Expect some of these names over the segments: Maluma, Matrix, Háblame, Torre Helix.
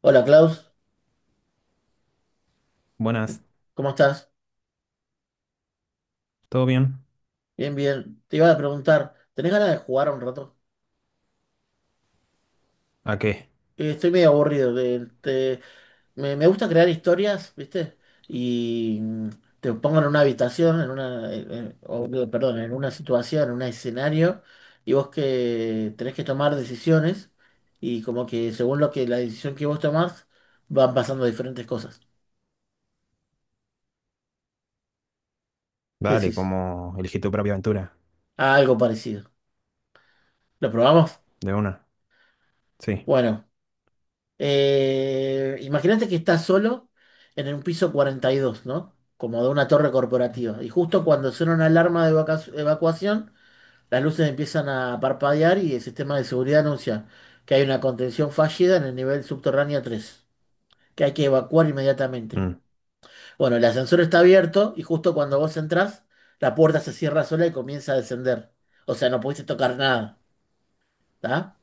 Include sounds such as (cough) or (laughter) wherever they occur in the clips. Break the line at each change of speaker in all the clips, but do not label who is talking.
Hola Klaus,
Buenas,
¿cómo estás?
¿todo bien?
Bien, bien. Te iba a preguntar, ¿tenés ganas de jugar un rato?
¿A qué?
Estoy medio aburrido. Me gusta crear historias, ¿viste? Y te pongo en una habitación, en una, en- o, digo, perdón, en una situación, en un escenario, y vos que tenés que tomar decisiones, y como que según lo que la decisión que vos tomás, van pasando diferentes cosas. ¿Qué
Vale,
decís?
como elegí tu propia aventura.
Ah, algo parecido. ¿Lo probamos?
De una. Sí.
Bueno. Imagínate que estás solo en un piso 42, ¿no? Como de una torre corporativa. Y justo cuando suena una alarma de evacuación, las luces empiezan a parpadear y el sistema de seguridad anuncia que hay una contención fallida en el nivel subterráneo 3, que hay que evacuar inmediatamente.
Mm,
Bueno, el ascensor está abierto y justo cuando vos entrás, la puerta se cierra sola y comienza a descender. O sea, no pudiste tocar nada, ¿tá?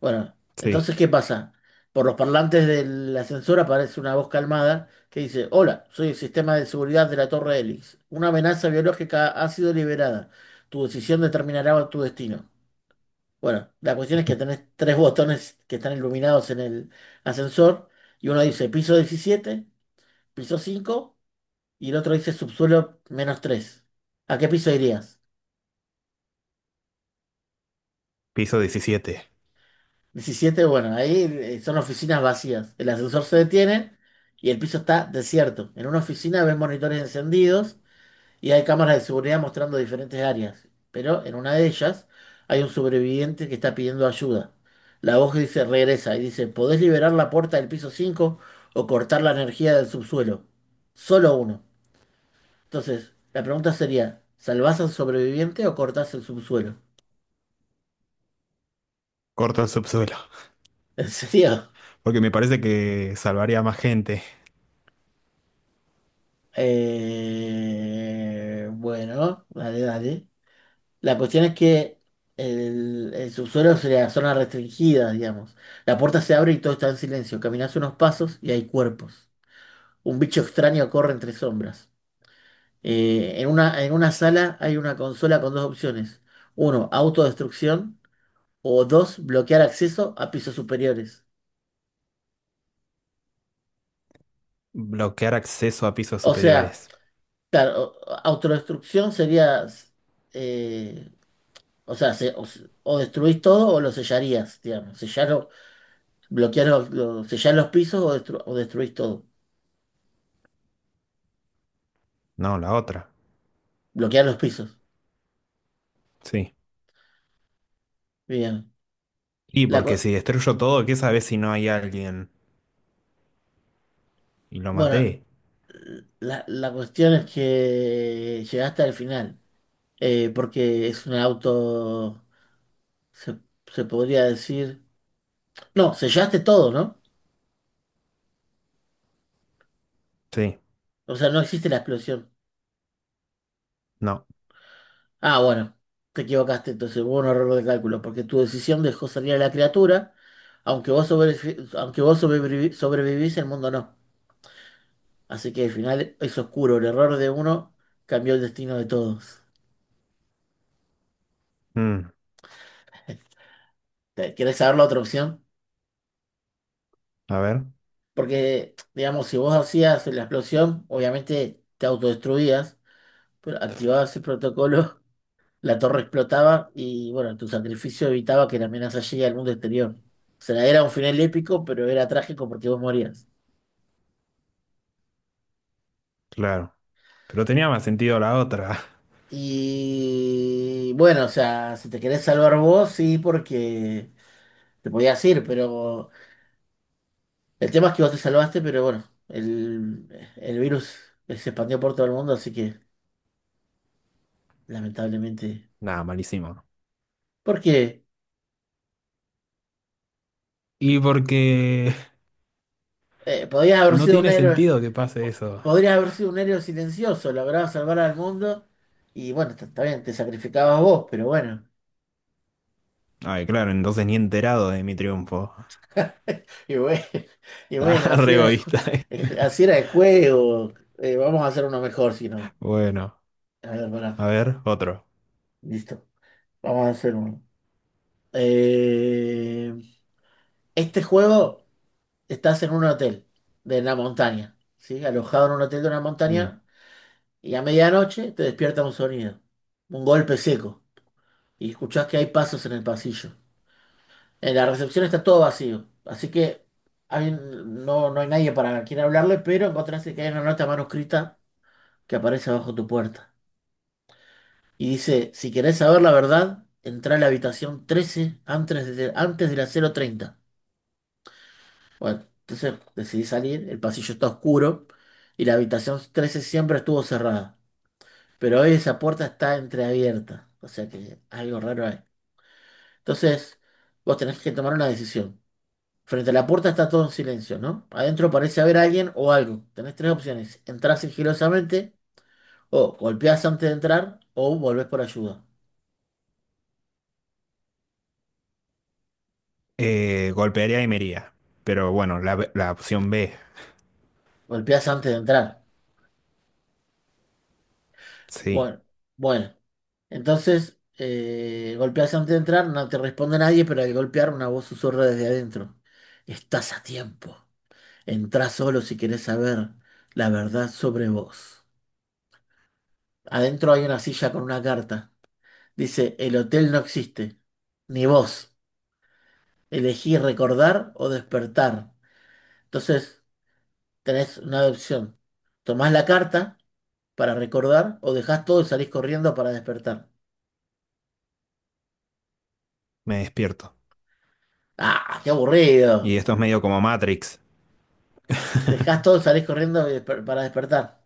Bueno,
sí.
entonces, ¿qué pasa? Por los parlantes del ascensor aparece una voz calmada que dice, hola, soy el sistema de seguridad de la Torre Helix. Una amenaza biológica ha sido liberada. Tu decisión determinará tu destino. Bueno, la cuestión es que tenés tres botones que están iluminados en el ascensor y uno dice piso 17, piso 5 y el otro dice subsuelo menos 3. ¿A qué piso irías?
Piso 17.
17. Bueno, ahí son oficinas vacías. El ascensor se detiene y el piso está desierto. En una oficina ven monitores encendidos y hay cámaras de seguridad mostrando diferentes áreas. Pero en una de ellas hay un sobreviviente que está pidiendo ayuda. La voz dice, regresa y dice, ¿podés liberar la puerta del piso 5 o cortar la energía del subsuelo? Solo uno. Entonces, la pregunta sería, ¿salvás al sobreviviente o cortás el subsuelo?
Corto el subsuelo.
(laughs) ¿En serio?
Porque me parece que salvaría a más gente.
Bueno, dale, dale. La cuestión es que el subsuelo es la zona restringida, digamos. La puerta se abre y todo está en silencio. Caminas unos pasos y hay cuerpos. Un bicho extraño corre entre sombras. En una sala hay una consola con dos opciones. Uno, autodestrucción. O dos, bloquear acceso a pisos superiores.
Bloquear acceso a pisos
O sea,
superiores.
claro, autodestrucción sería... eh, O sea, o destruís todo o lo sellarías, digamos. Sellar, bloquear sellar los pisos o, o destruís todo.
No, la otra.
Bloquear los pisos.
Sí.
Bien.
Y
La, cu-
porque si destruyo todo, ¿qué sabes si no hay alguien? Y lo
bueno,
maté.
la cuestión es que llegaste al final, porque es un auto, se, se podría decir... No, sellaste todo, ¿no?
Sí.
O sea, no existe la explosión.
No.
Ah, bueno, te equivocaste, entonces hubo un error de cálculo, porque tu decisión dejó salir a la criatura, aunque vos, sobrevi- aunque vos sobrevivi- sobrevivís, el mundo no. Así que al final es oscuro, el error de uno cambió el destino de todos.
Mm,
(laughs) ¿Querés saber la otra opción?
a ver.
Porque, digamos, si vos hacías la explosión, obviamente te autodestruías, pero activabas el protocolo, (laughs) la torre explotaba y, bueno, tu sacrificio evitaba que la amenaza llegue al mundo exterior. O sea, era un final épico, pero era trágico porque vos morías.
Claro. Pero tenía más sentido la otra.
Y bueno, o sea, si te querés salvar vos, sí, porque te podías ir, pero el tema es que vos te salvaste, pero bueno, el virus se expandió por todo el mundo, así que lamentablemente.
(laughs) Nada, malísimo.
Porque
Y porque
podías haber
no
sido un
tiene
héroe,
sentido que pase eso.
podrías haber sido un héroe silencioso, lograbas salvar al mundo, y bueno, está bien, te sacrificabas vos, pero bueno.
Ay, claro, entonces ni enterado de mi triunfo. (laughs)
Y bueno, (laughs) y bueno,
Ah,
así
re
era
egoísta.
el, ju-
(laughs)
así era el juego. Vamos a hacer uno mejor, si no.
Bueno,
A ver, pará.
a ver, otro.
Listo. Vamos a hacer uno. Eh, este juego estás en un hotel de la montaña, ¿sí? Alojado en un hotel de una
Mm.
montaña y a medianoche te despierta un sonido, un golpe seco y escuchás que hay pasos en el pasillo. En la recepción está todo vacío, así que no, no hay nadie para quien hablarle, pero encontraste que hay una nota manuscrita que aparece bajo tu puerta. Y dice, si querés saber la verdad, entra a la habitación 13 antes de las 00:30. Bueno, entonces decidí salir, el pasillo está oscuro y la habitación 13 siempre estuvo cerrada, pero hoy esa puerta está entreabierta, o sea que algo raro hay. Entonces, vos tenés que tomar una decisión. Frente a la puerta está todo en silencio, ¿no? Adentro parece haber alguien o algo. Tenés tres opciones. Entrás sigilosamente o golpeás antes de entrar o volvés por ayuda.
Golpearía y me iría. Pero bueno, la opción B.
Golpeás antes de entrar.
Sí,
Bueno, bueno. Entonces, golpeas antes de entrar, no te responde nadie, pero al golpear una voz susurra desde adentro. Estás a tiempo. Entrá solo si querés saber la verdad sobre vos. Adentro hay una silla con una carta. Dice, el hotel no existe, ni vos. Elegí recordar o despertar. Entonces, tenés una opción. Tomás la carta para recordar o dejás todo y salís corriendo para despertar.
me despierto.
¡Ah, qué
Y
aburrido!
esto es medio como Matrix.
Dejás todo, salís corriendo y para despertar.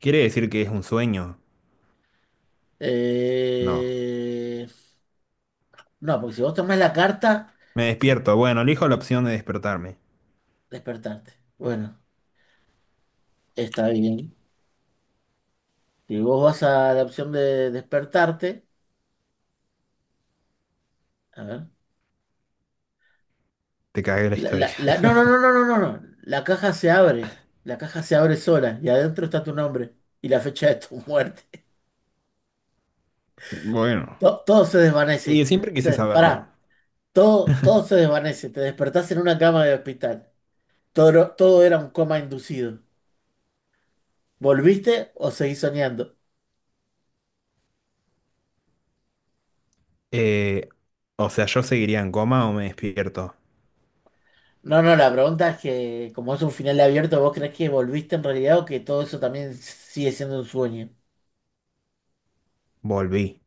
¿Quiere decir que es un sueño? No.
Eh, No, porque si vos tomás la carta,
Me
sí,
despierto. Bueno, elijo la opción de despertarme.
despertarte. Bueno, está bien. Si vos vas a la opción de despertarte, a ver.
Te cagué la historia. (laughs)
No, no, no, no, no, no, no. La caja se abre. La caja se abre sola y adentro está tu nombre y la fecha de tu (laughs) muerte.
Bueno.
Todo, se
Y
desvanece.
siempre quise saberlo.
Pará, todo, se desvanece. Te despertás en una cama de hospital. Todo, todo era un coma inducido. ¿Volviste o seguís soñando?
Eh, o sea, ¿yo seguiría en coma o me despierto?
No, no, la pregunta es que como es un final abierto, ¿vos crees que volviste en realidad o que todo eso también sigue siendo un sueño?
Volví.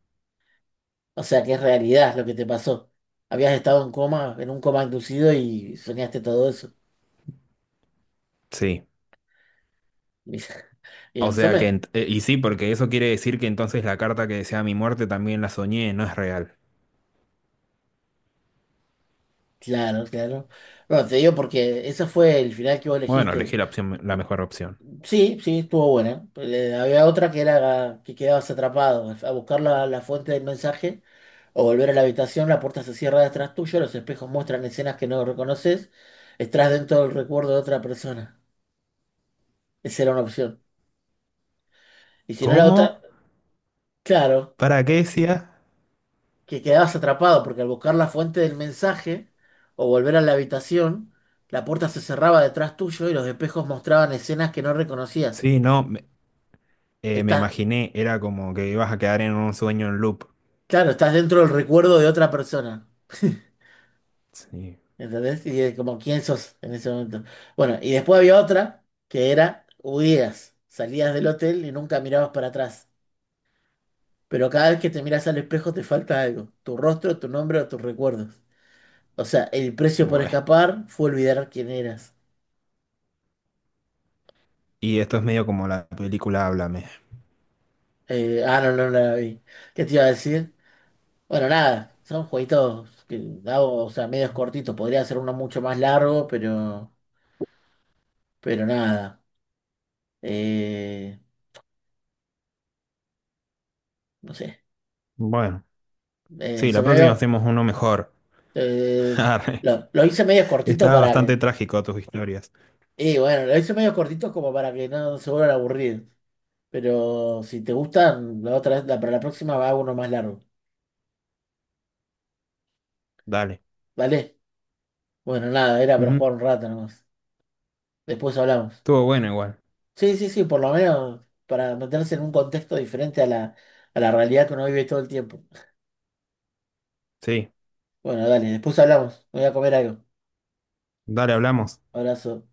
O sea, que es realidad lo que te pasó. Habías estado en coma, en un coma inducido y soñaste todo eso.
Sí.
Bien, (laughs) bien,
O sea que, y sí, porque eso quiere decir que entonces la carta que desea mi muerte también la soñé, no es real.
Claro, claro. Bueno, te digo porque ese fue el final que vos
Bueno,
elegiste.
elegí la opción, la mejor opción.
Sí, sí, estuvo buena. Había otra que era que quedabas atrapado. A buscar la fuente del mensaje o volver a la habitación, la puerta se cierra detrás tuyo, los espejos muestran escenas que no reconoces, estás dentro del recuerdo de otra persona. Esa era una opción. Y si no la otra,
¿Cómo?
claro,
¿Para qué decía?
que quedabas atrapado porque al buscar la fuente del mensaje o volver a la habitación, la puerta se cerraba detrás tuyo y los espejos mostraban escenas que no reconocías.
Sí, no, me, me
Estás,
imaginé, era como que ibas a quedar en un sueño en loop.
claro, estás dentro del recuerdo de otra persona.
Sí,
¿Entendés? Y como, ¿quién sos en ese momento? Bueno, y después había otra que era huías. Salías del hotel y nunca mirabas para atrás. Pero cada vez que te miras al espejo te falta algo. Tu rostro, tu nombre o tus recuerdos. O sea, el precio por
bueno.
escapar fue olvidar quién eras.
Y esto es medio como la película Háblame.
Ah, no, no, no la vi. ¿Qué te iba a decir? Bueno, nada, son jueguitos que hago, o sea, medios cortitos. Podría ser uno mucho más largo, pero nada. Eh, no sé.
Bueno, sí,
Se
la
me
próxima
veo.
hacemos uno mejor. (laughs)
Eh,
Arre.
lo hice medio cortito
Estaba
para
bastante
que.
trágico tus historias.
Y bueno, lo hice medio cortito como para que no se vuelvan aburridos. Pero si te gustan, la otra vez, para la próxima va uno más largo.
Dale.
¿Vale? Bueno, nada, era para jugar
Ujú.
un rato nomás. Después hablamos.
Estuvo bueno igual.
Sí, sí, sí, por lo menos para meterse en un contexto diferente a la realidad que uno vive todo el tiempo.
Sí,
Bueno, dale, después hablamos. Voy a comer algo.
dale, hablamos.
Abrazo.